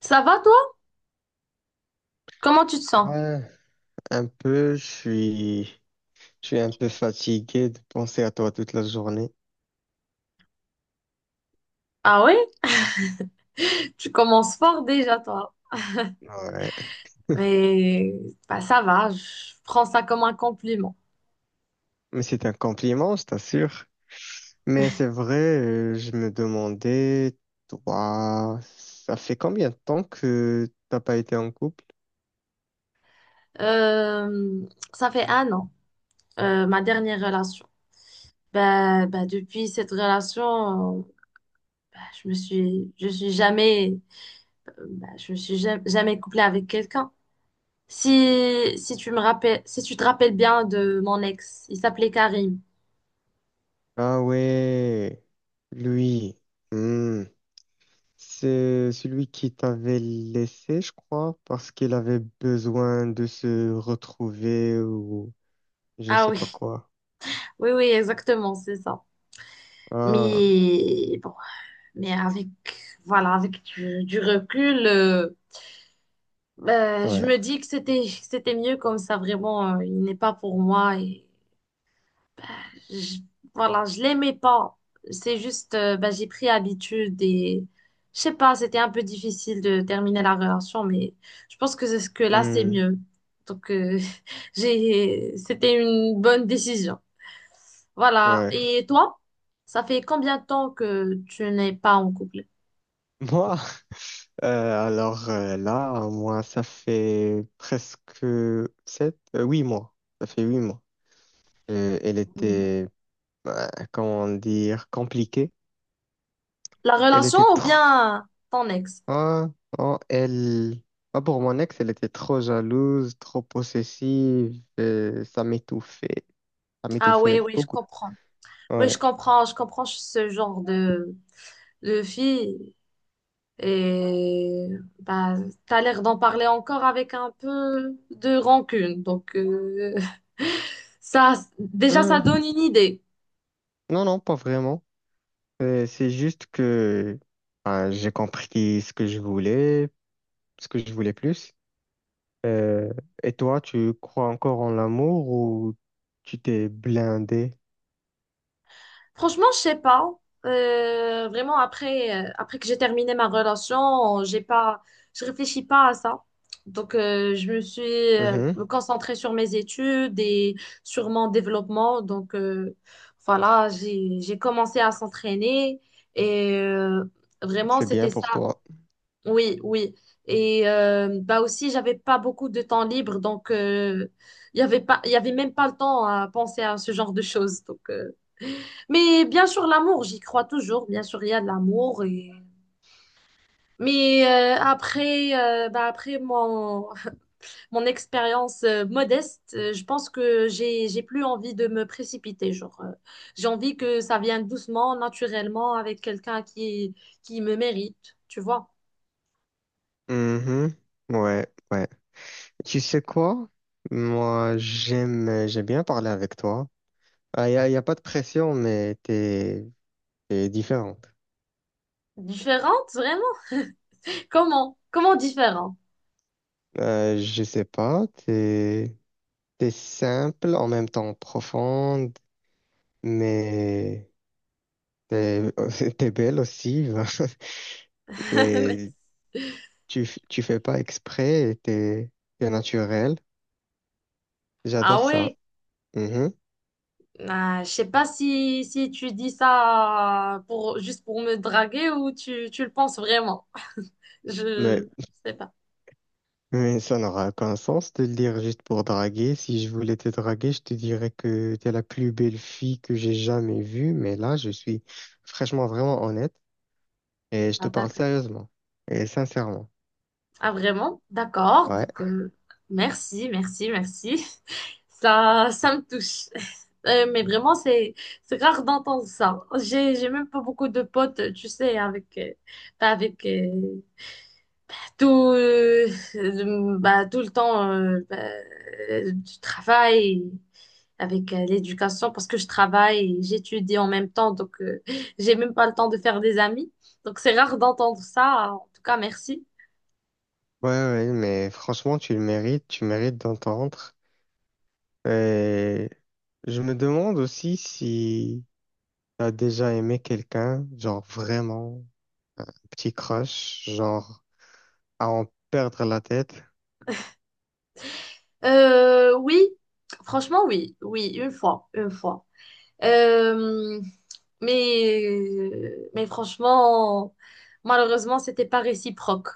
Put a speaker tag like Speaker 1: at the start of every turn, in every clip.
Speaker 1: Ça va toi? Comment tu te sens?
Speaker 2: Ouais, un peu, je suis un peu fatigué de penser à toi toute la journée.
Speaker 1: Ah oui? Tu commences fort déjà toi.
Speaker 2: Ouais.
Speaker 1: Mais bah, ça va, je prends ça comme un compliment.
Speaker 2: Mais c'est un compliment, je t'assure. Mais c'est vrai, je me demandais, toi, ça fait combien de temps que t'as pas été en couple?
Speaker 1: Euh, Ça fait un an, ma dernière relation. Depuis cette relation, je suis jamais, je me suis jamais couplée avec quelqu'un. Si tu te rappelles bien de mon ex, il s'appelait Karim.
Speaker 2: Ah ouais, lui, hmm, c'est celui qui t'avait laissé, je crois, parce qu'il avait besoin de se retrouver ou je ne
Speaker 1: Ah
Speaker 2: sais pas
Speaker 1: oui,
Speaker 2: quoi.
Speaker 1: oui, oui, exactement, c'est ça.
Speaker 2: Ah.
Speaker 1: Mais bon. Mais avec, voilà, avec du recul,
Speaker 2: Ouais.
Speaker 1: je me dis que que c'était mieux comme ça, vraiment, il n'est pas pour moi. Et je- voilà, je l'aimais pas. C'est juste, bah, j'ai pris habitude et je sais pas, c'était un peu difficile de terminer la relation, mais je pense que c'est ce que là, c'est
Speaker 2: Hmm,
Speaker 1: mieux. Donc, euh, c'était une bonne décision. Voilà.
Speaker 2: ouais.
Speaker 1: Et toi, ça fait combien de temps que tu n'es pas en couple?
Speaker 2: Moi, là, moi, ça fait presque sept, huit mois. Ça fait huit mois. Elle était, comment dire, compliquée.
Speaker 1: La
Speaker 2: Elle
Speaker 1: relation
Speaker 2: était
Speaker 1: ou
Speaker 2: trop,
Speaker 1: bien ton ex?
Speaker 2: hein, hein, elle, pour mon ex, elle était trop jalouse, trop possessive. Ça m'étouffait. Ça
Speaker 1: Ah oui,
Speaker 2: m'étouffait
Speaker 1: oui, je
Speaker 2: beaucoup.
Speaker 1: comprends. Oui,
Speaker 2: Ouais.
Speaker 1: je comprends ce genre de fille. Et bah, t'as l'air d'en parler encore avec un peu de rancune. Ça, déjà, ça
Speaker 2: Hmm,
Speaker 1: donne une idée.
Speaker 2: non, non, pas vraiment. C'est juste que, j'ai compris ce que je voulais. Ce que je voulais plus. Euh, et toi, tu crois encore en l'amour ou tu t'es blindé?
Speaker 1: Franchement, je sais pas. Vraiment, après que j'ai terminé ma relation, j'ai pas, je réfléchis pas à ça. Je me suis euh,
Speaker 2: Mhm.
Speaker 1: concentrée sur mes études et sur mon développement. Voilà, j'ai commencé à s'entraîner et vraiment,
Speaker 2: C'est bien
Speaker 1: c'était
Speaker 2: pour
Speaker 1: ça.
Speaker 2: toi.
Speaker 1: Oui, oui. Et bah aussi, j'avais pas beaucoup de temps libre, il y avait même pas le temps à penser à ce genre de choses. Mais bien sûr, l'amour, j'y crois toujours. Bien sûr, il y a de l'amour. Et... Mais après, bah, après mon, mon expérience modeste, je pense que j'ai plus envie de me précipiter. Genre, j'ai envie que ça vienne doucement, naturellement, avec quelqu'un qui me mérite. Tu vois?
Speaker 2: Mhm, ouais, ouais. Tu sais quoi? Moi, j'aime bien parler avec toi. Y a pas de pression, mais t'es différente.
Speaker 1: Différente, vraiment? Comment? Comment différent?
Speaker 2: Je sais pas, t'es simple, en même temps profonde, mais t'es, t'es belle aussi. Et tu, tu fais pas exprès et t'es naturel.
Speaker 1: Ah
Speaker 2: J'adore ça.
Speaker 1: ouais.
Speaker 2: Mhm.
Speaker 1: Ah, je sais pas si, si tu dis ça pour, juste pour me draguer ou tu le penses vraiment.
Speaker 2: Mais,
Speaker 1: Je sais pas.
Speaker 2: mais ça n'aura aucun sens de le dire juste pour draguer. Si je voulais te draguer, je te dirais que t'es la plus belle fille que j'ai jamais vue. Mais là, je suis franchement vraiment honnête et je
Speaker 1: Ah,
Speaker 2: te parle
Speaker 1: d'accord.
Speaker 2: sérieusement et sincèrement.
Speaker 1: Ah, vraiment? D'accord.
Speaker 2: Ouais,
Speaker 1: Merci, merci, merci. Ça me touche. Mais vraiment, c'est rare d'entendre ça. J'ai même pas beaucoup de potes, tu sais, avec, bah, avec tout, bah, tout le temps bah, du travail. Avec l'éducation parce que je travaille et j'étudie en même temps, j'ai même pas le temps de faire des amis. Donc c'est rare d'entendre ça. En tout cas, merci.
Speaker 2: ouais, ouais, mais franchement, tu le mérites, tu mérites d'entendre. Et je me demande aussi si t'as déjà aimé quelqu'un, genre vraiment. Euh, Petit crash, genre à en perdre la tête.
Speaker 1: Oui, franchement, oui, oui, une fois, une fois. Euh, mais, mais franchement, malheureusement, c'était pas réciproque.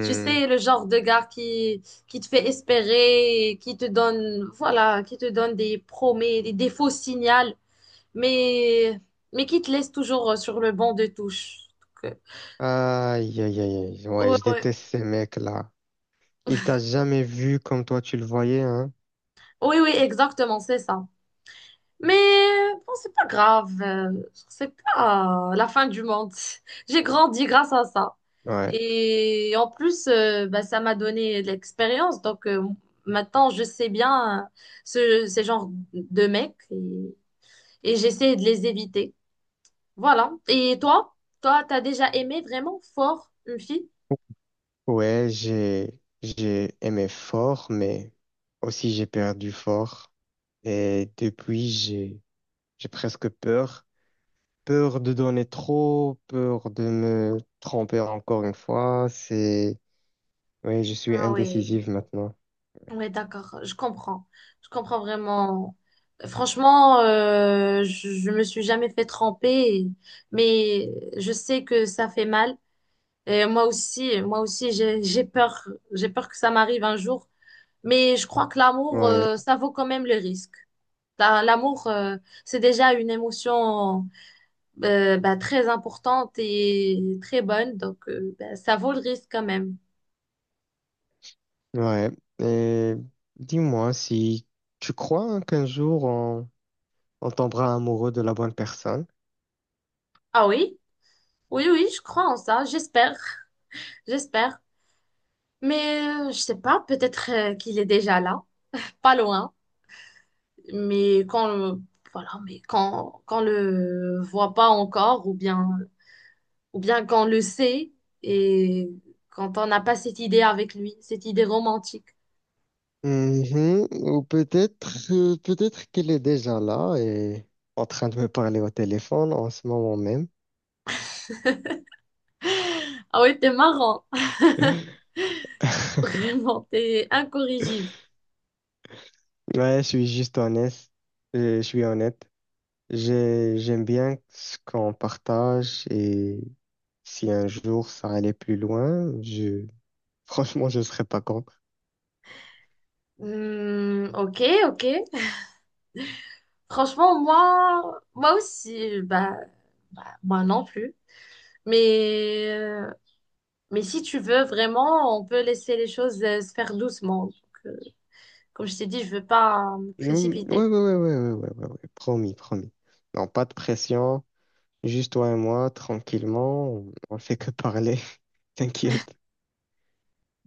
Speaker 1: Tu sais, le genre de gars qui te fait espérer, qui te donne, voilà, qui te donne des promesses, des faux signaux mais, mais qui te laisse toujours sur le banc de touche. Donc, euh,
Speaker 2: Aïe, aïe, aïe, aïe. Ouais,
Speaker 1: Ouais,
Speaker 2: je
Speaker 1: ouais.
Speaker 2: déteste ces mecs-là. Il t'a jamais vu comme toi tu le voyais, hein?
Speaker 1: Oui, oui, exactement, c'est ça. Mais bon, c'est pas grave, c'est pas la fin du monde. J'ai grandi grâce à ça.
Speaker 2: Ouais.
Speaker 1: Et en plus, bah, ça m'a donné de l'expérience. Maintenant, je sais bien ce, ces genres de mecs et j'essaie de les éviter. Voilà. Et toi, toi, t'as déjà aimé vraiment fort une fille?
Speaker 2: Ouais, j'ai aimé fort, mais aussi j'ai perdu fort. Et depuis, j'ai presque peur. Peur de donner trop, peur de me tromper encore une fois. C'est, ouais, je suis
Speaker 1: Ah ouais.
Speaker 2: indécisive maintenant.
Speaker 1: Ouais, d'accord, je comprends. Je comprends vraiment. Franchement, je me suis jamais fait tremper, et- mais je sais que ça fait mal. Et moi aussi, j'ai peur que ça m'arrive un jour. Mais je crois que l'amour,
Speaker 2: Ouais.
Speaker 1: ça vaut quand même le risque. L'amour, c'est déjà une émotion bah, très importante et très bonne, bah, ça vaut le risque quand même.
Speaker 2: Ouais. Et dis-moi si tu crois hein, on tombera amoureux de la bonne personne.
Speaker 1: Ah oui? Oui, oui, je crois en ça, j'espère, j'espère. Mais je sais pas, peut-être qu'il est déjà là, pas loin, mais quand voilà, mais quand on le voit pas encore ou bien quand on le sait et quand on n'a pas cette idée avec lui, cette idée romantique.
Speaker 2: Mhm. Ou peut-être peut-être qu'elle est déjà là et en train de me parler au téléphone en ce moment même.
Speaker 1: Ah ouais, t'es marrant. Vraiment, t'es incorrigible.
Speaker 2: Ouais, je suis juste honnête. Je suis honnête. J'aime bien ce qu'on partage et si un jour ça allait plus loin, je franchement je serais pas content.
Speaker 1: Hmm, ok, ok. Franchement, moi aussi bah, bah, moi non plus. Mais mais si tu veux vraiment, on peut laisser les choses se faire doucement. Euh, Comme je t'ai dit, je veux pas me
Speaker 2: Ouais,
Speaker 1: précipiter.
Speaker 2: ouais, ouais, ouais, ouais, ouais, ouais, ouais. Promis, promis. Non, pas de pression. Juste toi et moi, tranquillement. On fait que parler. T'inquiète.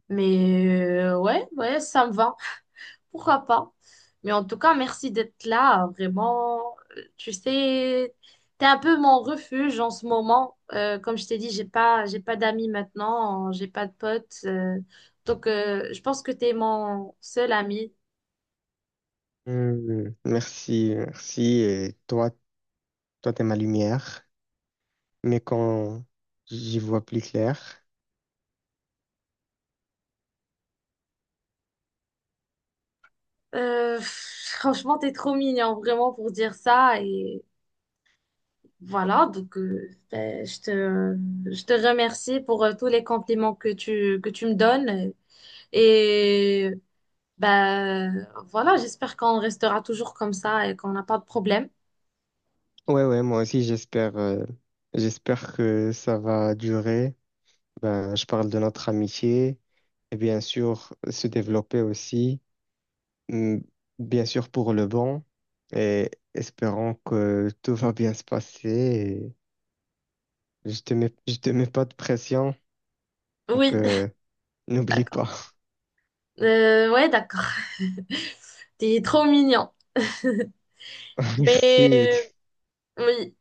Speaker 1: Mais ouais, ouais, ça me va. Pourquoi pas? Mais en tout cas, merci d'être là. Vraiment. Tu sais, t'es un peu mon refuge en ce moment. Comme je t'ai dit, j'ai pas d'amis maintenant, j'ai pas de potes. Je pense que t'es mon seul ami.
Speaker 2: Hmm, merci, merci. Et toi, toi, t'es ma lumière. Mais quand j'y vois plus clair.
Speaker 1: Franchement, t'es trop mignon, vraiment, pour dire ça. Et voilà, ben, je te remercie pour tous les compliments que tu me donnes. Et ben, voilà, j'espère qu'on restera toujours comme ça et qu'on n'a pas de problème.
Speaker 2: Ouais, ouais, moi aussi, j'espère, j'espère que ça va durer. Ben, je parle de notre amitié et bien sûr se développer aussi. Mm, bien sûr pour le bon et espérons que tout va bien se passer. Et je te mets pas de pression, donc
Speaker 1: Oui,
Speaker 2: n'oublie
Speaker 1: d'accord.
Speaker 2: pas.
Speaker 1: Ouais, d'accord. T'es trop mignon. Mais
Speaker 2: Merci.
Speaker 1: oui.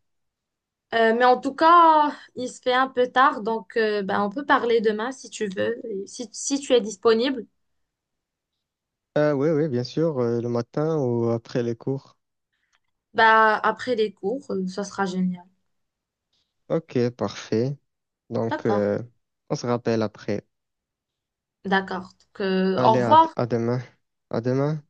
Speaker 1: Mais en tout cas, il se fait un peu tard, ben, on peut parler demain si tu veux. Et si, si tu es disponible,
Speaker 2: Ah oui, oui, bien sûr, le matin ou après les cours.
Speaker 1: bah après les cours, ça sera génial.
Speaker 2: Ok, parfait. Donc,
Speaker 1: D'accord.
Speaker 2: on se rappelle après.
Speaker 1: D'accord. Au
Speaker 2: Allez,
Speaker 1: revoir.
Speaker 2: à demain. À demain.